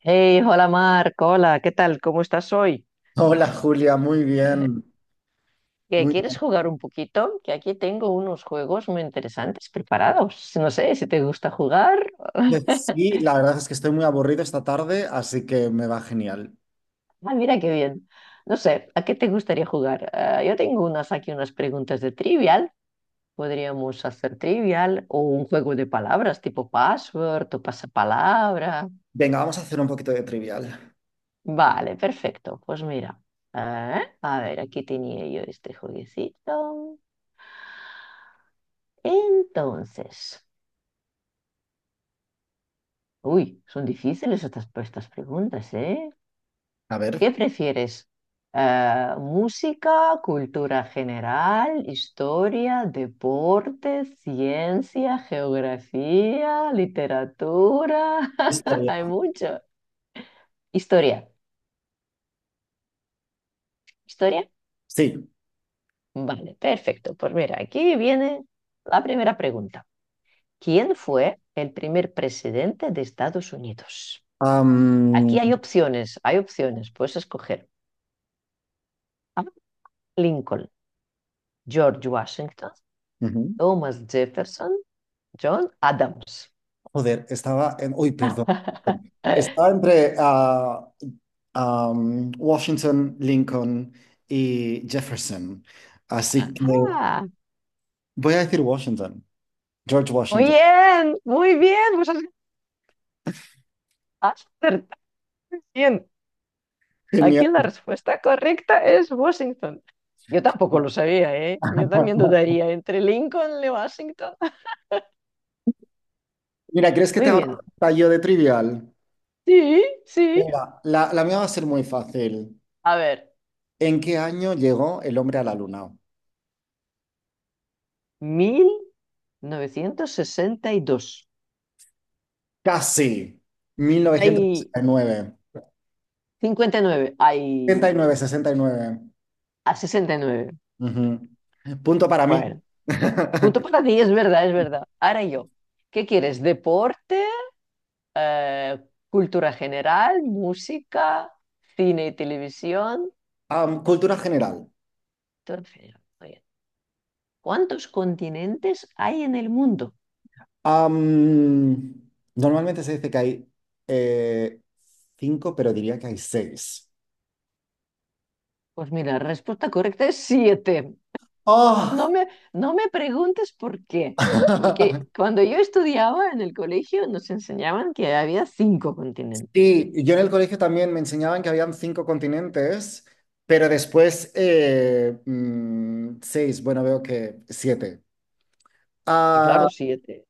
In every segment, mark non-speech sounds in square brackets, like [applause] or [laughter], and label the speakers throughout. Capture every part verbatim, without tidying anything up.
Speaker 1: Hey, hola Marco, hola, ¿qué tal? ¿Cómo estás hoy?
Speaker 2: Hola Julia, muy bien,
Speaker 1: [laughs] ¿Qué,
Speaker 2: muy
Speaker 1: quieres
Speaker 2: bien.
Speaker 1: jugar un poquito? Que aquí tengo unos juegos muy interesantes preparados. No sé si te gusta jugar.
Speaker 2: Eh,
Speaker 1: [laughs]
Speaker 2: Sí, la verdad es que estoy muy aburrido esta tarde, así que me va genial.
Speaker 1: Ah, mira qué bien. No sé, ¿a qué te gustaría jugar? Ah, yo tengo unas aquí, unas preguntas de trivial. Podríamos hacer trivial o un juego de palabras tipo password o pasapalabra.
Speaker 2: Venga, vamos a hacer un poquito de trivial.
Speaker 1: Vale, perfecto. Pues mira, ah, a ver, aquí tenía yo este jueguecito. Entonces. Uy, son difíciles estas, estas preguntas, ¿eh?
Speaker 2: A ver.
Speaker 1: ¿Qué prefieres? Eh, música, cultura general, historia, deporte, ciencia, geografía, literatura. [laughs]
Speaker 2: Historia.
Speaker 1: Hay mucho. Historia. ¿Historia?
Speaker 2: Sí.
Speaker 1: Vale, perfecto. Pues mira, aquí viene la primera pregunta. ¿Quién fue el primer presidente de Estados Unidos? Aquí
Speaker 2: am,
Speaker 1: hay opciones, hay opciones, puedes escoger. A. Lincoln. George Washington,
Speaker 2: Ujú.
Speaker 1: Thomas Jefferson, John Adams.
Speaker 2: Joder, estaba en... Uy, perdón.
Speaker 1: [laughs] Ajá.
Speaker 2: Estaba entre ah, am, Washington, Lincoln y Jefferson. Así que voy a decir Washington, George
Speaker 1: Muy
Speaker 2: Washington.
Speaker 1: bien, muy bien. Pues has has acertado bien. Aquí
Speaker 2: Genial.
Speaker 1: la respuesta correcta es Washington. Yo tampoco lo sabía, ¿eh? Yo también
Speaker 2: [laughs]
Speaker 1: dudaría entre Lincoln y Washington.
Speaker 2: Mira, ¿crees
Speaker 1: [laughs]
Speaker 2: que te
Speaker 1: Muy
Speaker 2: haga
Speaker 1: bien.
Speaker 2: un yo de trivial?
Speaker 1: Sí, sí.
Speaker 2: Venga, la, la mía va a ser muy fácil.
Speaker 1: A ver,
Speaker 2: ¿En qué año llegó el hombre a la luna?
Speaker 1: mil novecientos sesenta y dos.
Speaker 2: Casi. Mil novecientos
Speaker 1: Hay
Speaker 2: sesenta y nueve.
Speaker 1: cincuenta y nueve.
Speaker 2: Sesenta
Speaker 1: Hay
Speaker 2: y nueve, sesenta y nueve.
Speaker 1: a sesenta y
Speaker 2: mil novecientos sesenta y nueve. sesenta y nueve,
Speaker 1: nueve.
Speaker 2: sesenta y nueve. Ujú. Punto para mí.
Speaker 1: Bueno, punto
Speaker 2: [laughs]
Speaker 1: para ti, es verdad, es verdad. Ahora yo, ¿qué quieres? ¿Deporte? eh, ¿cultura general? ¿Música? ¿Cine y televisión?
Speaker 2: Am, cultura general.
Speaker 1: Todo cultura general. Muy bien. ¿Cuántos continentes hay en el mundo?
Speaker 2: Am, Normalmente se dice que hay eh, cinco, pero diría que hay seis.
Speaker 1: Pues mira, la respuesta correcta es siete.
Speaker 2: ¡Oh!
Speaker 1: No me, no me preguntes por qué, porque
Speaker 2: [laughs]
Speaker 1: cuando yo estudiaba en el colegio nos enseñaban que había cinco continentes.
Speaker 2: Sí, yo en el colegio también me enseñaban que habían cinco continentes, pero después eh, mm, seis, bueno, veo que siete.
Speaker 1: Y
Speaker 2: Ah,
Speaker 1: claro, siete.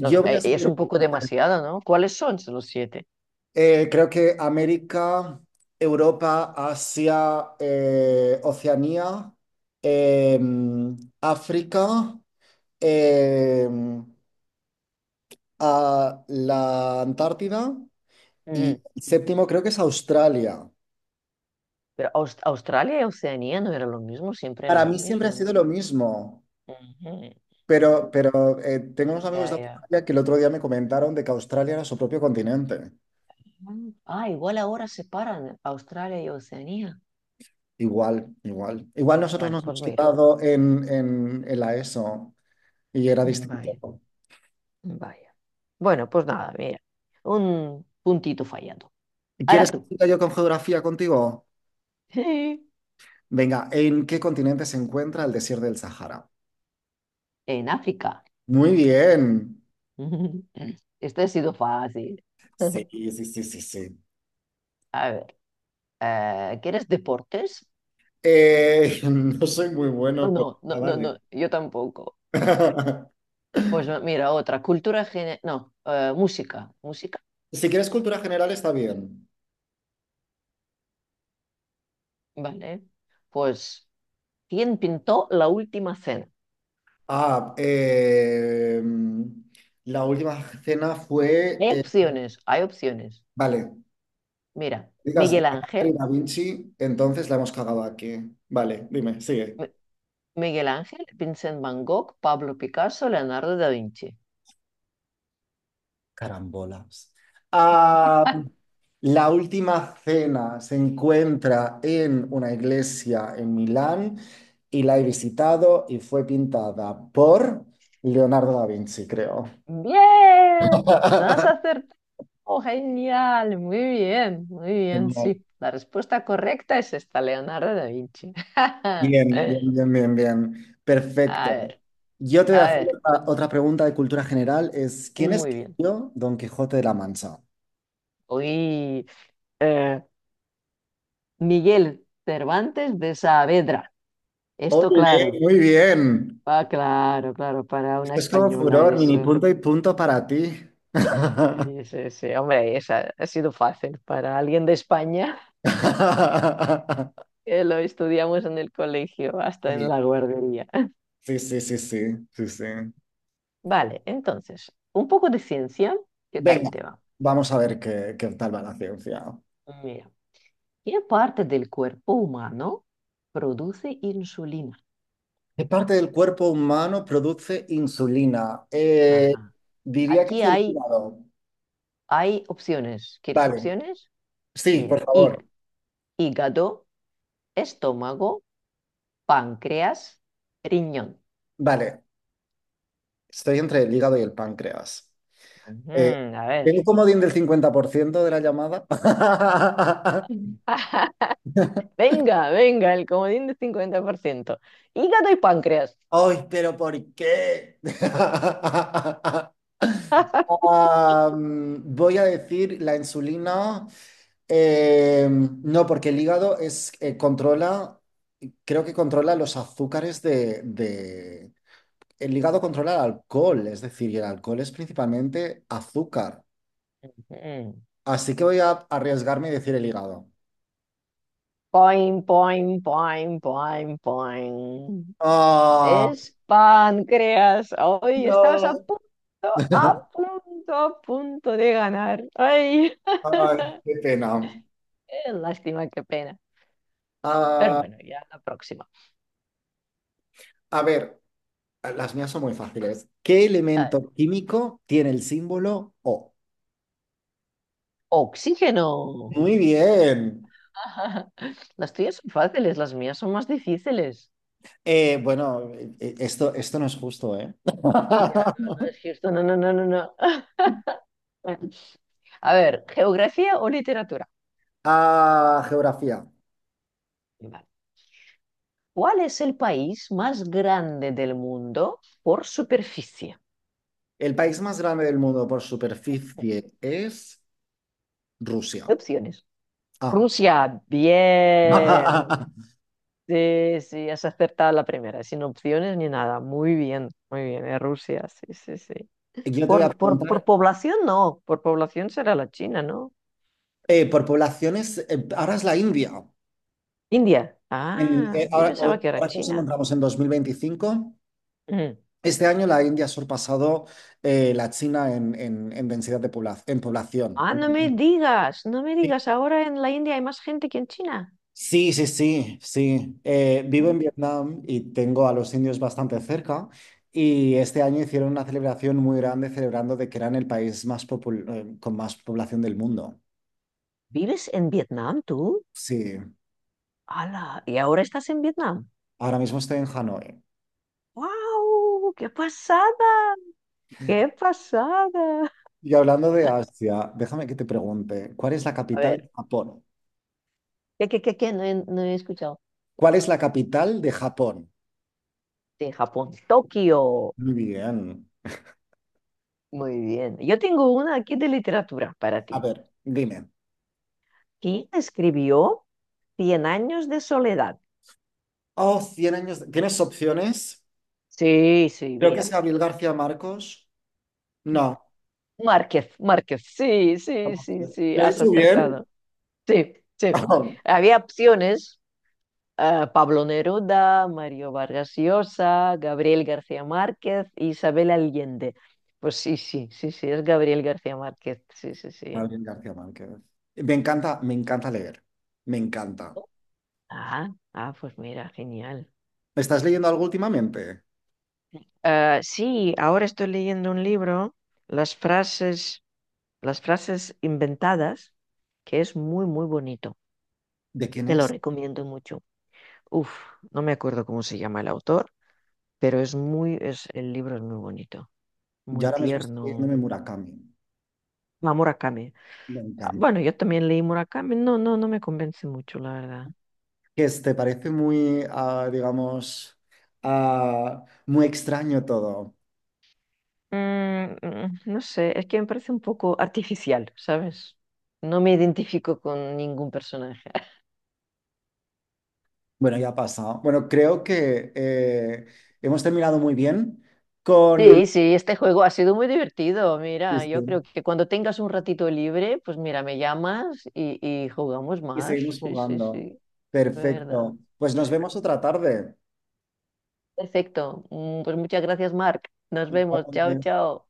Speaker 1: No,
Speaker 2: voy a
Speaker 1: eh, es un
Speaker 2: saber,
Speaker 1: poco demasiado, ¿no? ¿Cuáles son los siete?
Speaker 2: eh, creo que América, Europa, Asia, eh, Oceanía, eh, África, eh, a la Antártida y
Speaker 1: Ujú.
Speaker 2: el séptimo creo que es Australia.
Speaker 1: Pero Aus- Australia y Oceanía no era lo mismo, siempre era
Speaker 2: Para
Speaker 1: lo
Speaker 2: mí siempre ha
Speaker 1: mismo, ¿no?
Speaker 2: sido lo mismo.
Speaker 1: Ujú. Mm,
Speaker 2: Pero, pero eh, tengo unos amigos
Speaker 1: ya,
Speaker 2: de
Speaker 1: ya.
Speaker 2: Australia que el otro día me comentaron de que Australia era su propio continente.
Speaker 1: Mm. Ah, igual ahora separan Australia y Oceanía.
Speaker 2: Igual, igual. Igual nosotros
Speaker 1: Bueno,
Speaker 2: nos
Speaker 1: pues
Speaker 2: hemos
Speaker 1: mira,
Speaker 2: quedado en, en, en la ESO y era
Speaker 1: mm, vaya,
Speaker 2: distinto.
Speaker 1: mm, vaya. Bueno, pues nada, mira, un puntito fallado.
Speaker 2: ¿Quieres
Speaker 1: Ahora
Speaker 2: que
Speaker 1: tú,
Speaker 2: siga yo con geografía contigo?
Speaker 1: [laughs]
Speaker 2: Venga, ¿en qué continente se encuentra el desierto del Sahara?
Speaker 1: en África.
Speaker 2: Muy bien.
Speaker 1: [laughs] Esto ha sido fácil. [laughs]
Speaker 2: Sí, sí, sí, sí, sí.
Speaker 1: A ver, eh, ¿quieres deportes?
Speaker 2: Eh, [laughs] no soy muy
Speaker 1: Oh,
Speaker 2: bueno, pero
Speaker 1: no, no,
Speaker 2: ah,
Speaker 1: no,
Speaker 2: vale.
Speaker 1: no, yo tampoco. Pues
Speaker 2: [laughs]
Speaker 1: mira, otra, cultura, gene- no, eh, música. ¿Música?
Speaker 2: Si quieres cultura general, está bien.
Speaker 1: Vale. Pues, ¿quién pintó la última cena?
Speaker 2: Ah, eh, la última cena fue.
Speaker 1: Hay
Speaker 2: Eh,
Speaker 1: opciones, hay opciones.
Speaker 2: vale,
Speaker 1: Mira,
Speaker 2: digas
Speaker 1: Miguel
Speaker 2: Leonardo y
Speaker 1: Ángel,
Speaker 2: Da Vinci, entonces la hemos cagado aquí. Vale, dime, sigue.
Speaker 1: M- Miguel Ángel, Vincent Van Gogh, Pablo Picasso, Leonardo da Vinci.
Speaker 2: Carambolas. Ah, la última cena se encuentra en una iglesia en Milán y la he visitado y fue pintada por Leonardo da Vinci, creo.
Speaker 1: Bien, has
Speaker 2: [laughs]
Speaker 1: acertado, genial, muy bien, muy bien,
Speaker 2: Genial.
Speaker 1: sí. La respuesta correcta es esta, Leonardo da Vinci.
Speaker 2: Bien, bien,
Speaker 1: [laughs]
Speaker 2: bien, bien, bien. Perfecto.
Speaker 1: A ver,
Speaker 2: Yo te voy a
Speaker 1: a
Speaker 2: hacer
Speaker 1: ver,
Speaker 2: otra, otra pregunta de cultura general, es ¿quién
Speaker 1: muy bien.
Speaker 2: escribió Don Quijote de la Mancha?
Speaker 1: Hoy, Miguel Cervantes de Saavedra. Esto
Speaker 2: Oye,
Speaker 1: claro,
Speaker 2: muy bien.
Speaker 1: ah, claro, claro, para una
Speaker 2: Esto es como
Speaker 1: española
Speaker 2: furor, mini
Speaker 1: eso.
Speaker 2: punto y punto para ti. [laughs]
Speaker 1: Sí, sí, sí, hombre, esa ha sido fácil. Para alguien de España, [laughs] que lo estudiamos en el colegio, hasta en
Speaker 2: Sí,
Speaker 1: la guardería. [laughs]
Speaker 2: sí, sí, sí, sí, sí, sí.
Speaker 1: Vale, entonces, un poco de ciencia, ¿qué
Speaker 2: Venga,
Speaker 1: tal te va?
Speaker 2: vamos a ver qué, qué tal va la ciencia.
Speaker 1: Mira, ¿qué parte del cuerpo humano produce insulina?
Speaker 2: ¿Qué parte del cuerpo humano produce insulina? Eh,
Speaker 1: Ajá.
Speaker 2: diría que
Speaker 1: Aquí
Speaker 2: es el
Speaker 1: hay,
Speaker 2: hígado.
Speaker 1: hay opciones. ¿Quieres
Speaker 2: Vale,
Speaker 1: opciones?
Speaker 2: sí, por
Speaker 1: Mira, hí-
Speaker 2: favor.
Speaker 1: hígado, estómago, páncreas, riñón.
Speaker 2: Vale, estoy entre el hígado y el páncreas.
Speaker 1: Ujú,
Speaker 2: Eh,
Speaker 1: a
Speaker 2: ¿Tengo un
Speaker 1: ver.
Speaker 2: comodín del cincuenta por ciento de la llamada? [laughs]
Speaker 1: Venga, venga, el comodín de cincuenta por ciento. Hígado y páncreas.
Speaker 2: ¡Ay! Pero, ¿por qué? [laughs]
Speaker 1: [laughs]
Speaker 2: Am, voy a decir la insulina. Eh, no, porque el hígado es, eh, controla, creo que controla los azúcares de, de- El hígado controla el alcohol, es decir, y el alcohol es principalmente azúcar.
Speaker 1: Mm.
Speaker 2: Así que voy a arriesgarme y decir el hígado.
Speaker 1: Poing, poing, poing, poing, poing.
Speaker 2: Ah,
Speaker 1: Es páncreas. Hoy estabas a
Speaker 2: no.
Speaker 1: punto, a punto, a punto de ganar. Ay,
Speaker 2: Ay, qué pena.
Speaker 1: qué lástima, qué pena. Pero
Speaker 2: Ah,
Speaker 1: bueno, ya la próxima.
Speaker 2: a ver, las mías son muy fáciles. ¿Qué
Speaker 1: A ver,
Speaker 2: elemento químico tiene el símbolo O?
Speaker 1: oxígeno.
Speaker 2: Muy bien.
Speaker 1: [laughs] Las tuyas son fáciles, las mías son más difíciles.
Speaker 2: Eh, bueno, eh, eh, esto, esto no es justo, ¿eh?
Speaker 1: Ya, no, no es
Speaker 2: [laughs]
Speaker 1: cierto. No, no, no, no, no. Bueno, a ver, geografía o literatura.
Speaker 2: Ah, geografía.
Speaker 1: Vale. ¿Cuál es el país más grande del mundo por superficie?
Speaker 2: El país más grande del mundo por superficie es Rusia.
Speaker 1: Opciones.
Speaker 2: Ah.
Speaker 1: Rusia, bien.
Speaker 2: [laughs]
Speaker 1: Sí, sí, has acertado la primera, sin opciones ni nada. Muy bien, muy bien. Es Rusia, sí, sí, sí.
Speaker 2: Yo te voy a
Speaker 1: Por, por, por
Speaker 2: preguntar,
Speaker 1: población no, por población será la China, ¿no?
Speaker 2: eh, por poblaciones, eh, ahora es la India.
Speaker 1: India.
Speaker 2: En-
Speaker 1: Ah,
Speaker 2: eh,
Speaker 1: yo
Speaker 2: ahora,
Speaker 1: pensaba
Speaker 2: o-
Speaker 1: que era
Speaker 2: ahora que nos
Speaker 1: China.
Speaker 2: encontramos en dos mil veinticinco,
Speaker 1: Mm.
Speaker 2: este año la India ha sorpasado eh, la China en, en- en densidad de población, en población,
Speaker 1: Ah,
Speaker 2: ¿no?
Speaker 1: no me digas, no me digas, ahora en la India hay más gente que en China.
Speaker 2: Sí, sí, sí, sí. sí. Eh, vivo
Speaker 1: Mm.
Speaker 2: en Vietnam y tengo a los indios bastante cerca y este año hicieron una celebración muy grande celebrando de que eran el país más popul- eh, con más población del mundo.
Speaker 1: ¿Vives en Vietnam tú?
Speaker 2: Sí,
Speaker 1: ¡Hala! ¿Y ahora estás en Vietnam?
Speaker 2: ahora mismo estoy en Hanoi.
Speaker 1: ¡Wow! ¡Qué pasada! ¡Qué pasada!
Speaker 2: Y hablando de Asia, déjame que te pregunte, ¿cuál es la
Speaker 1: A
Speaker 2: capital de
Speaker 1: ver,
Speaker 2: Japón?
Speaker 1: ¿qué, qué, qué, qué? No he, no he escuchado.
Speaker 2: ¿Cuál es la capital de Japón?
Speaker 1: De Japón, Tokio.
Speaker 2: Muy bien.
Speaker 1: Muy bien. Yo tengo una aquí de literatura para
Speaker 2: A
Speaker 1: ti.
Speaker 2: ver, dime.
Speaker 1: ¿Quién escribió Cien años de soledad?
Speaker 2: Oh, cien años. ¿Tienes opciones?
Speaker 1: Sí, sí,
Speaker 2: Creo que es
Speaker 1: mira.
Speaker 2: Gabriel García Marcos.
Speaker 1: Es
Speaker 2: No.
Speaker 1: Márquez, Márquez. Sí, sí, sí, sí.
Speaker 2: ¿Lo he
Speaker 1: Has
Speaker 2: hecho bien?
Speaker 1: acertado. Sí, sí.
Speaker 2: [laughs]
Speaker 1: Había opciones. Ah, Pablo Neruda, Mario Vargas Llosa, Gabriel García Márquez, Isabel Allende. Pues sí, sí, sí, sí, es Gabriel García Márquez. Sí, sí, sí.
Speaker 2: Gabriel García Márquez. Me encanta, me encanta leer. Me encanta.
Speaker 1: Ah, ah, pues mira, genial.
Speaker 2: ¿Estás leyendo algo últimamente?
Speaker 1: Ah, sí, ahora estoy leyendo un libro, Las frases, las frases inventadas, que es muy, muy bonito.
Speaker 2: ¿De quién
Speaker 1: Te lo
Speaker 2: es?
Speaker 1: recomiendo mucho. Uf, no me acuerdo cómo se llama el autor, pero es muy, es, el libro es muy bonito,
Speaker 2: Yo
Speaker 1: muy
Speaker 2: ahora mismo estoy
Speaker 1: tierno.
Speaker 2: leyéndome Murakami.
Speaker 1: Ah, Murakami.
Speaker 2: Me
Speaker 1: Ah,
Speaker 2: encanta.
Speaker 1: bueno, yo también leí Murakami. No, no, no me convence mucho, la verdad.
Speaker 2: Que es- te parece muy, ah, digamos, ah, muy extraño todo.
Speaker 1: Mm, mm, no sé, es que me parece un poco artificial, ¿sabes? No me identifico con ningún personaje. [laughs]
Speaker 2: Bueno, ya ha pasado. Bueno, creo que eh, hemos terminado muy bien con...
Speaker 1: Sí, sí, este juego ha sido muy divertido.
Speaker 2: Sí,
Speaker 1: Mira, yo creo
Speaker 2: sí.
Speaker 1: que cuando tengas un ratito libre, pues mira, me llamas y, y jugamos
Speaker 2: Y
Speaker 1: más.
Speaker 2: seguimos
Speaker 1: Sí, sí, sí,
Speaker 2: jugando.
Speaker 1: de verdad.
Speaker 2: Perfecto. Pues nos vemos otra tarde.
Speaker 1: Perfecto. Mm, Pues muchas gracias, Mark. Nos vemos. Chao, chao.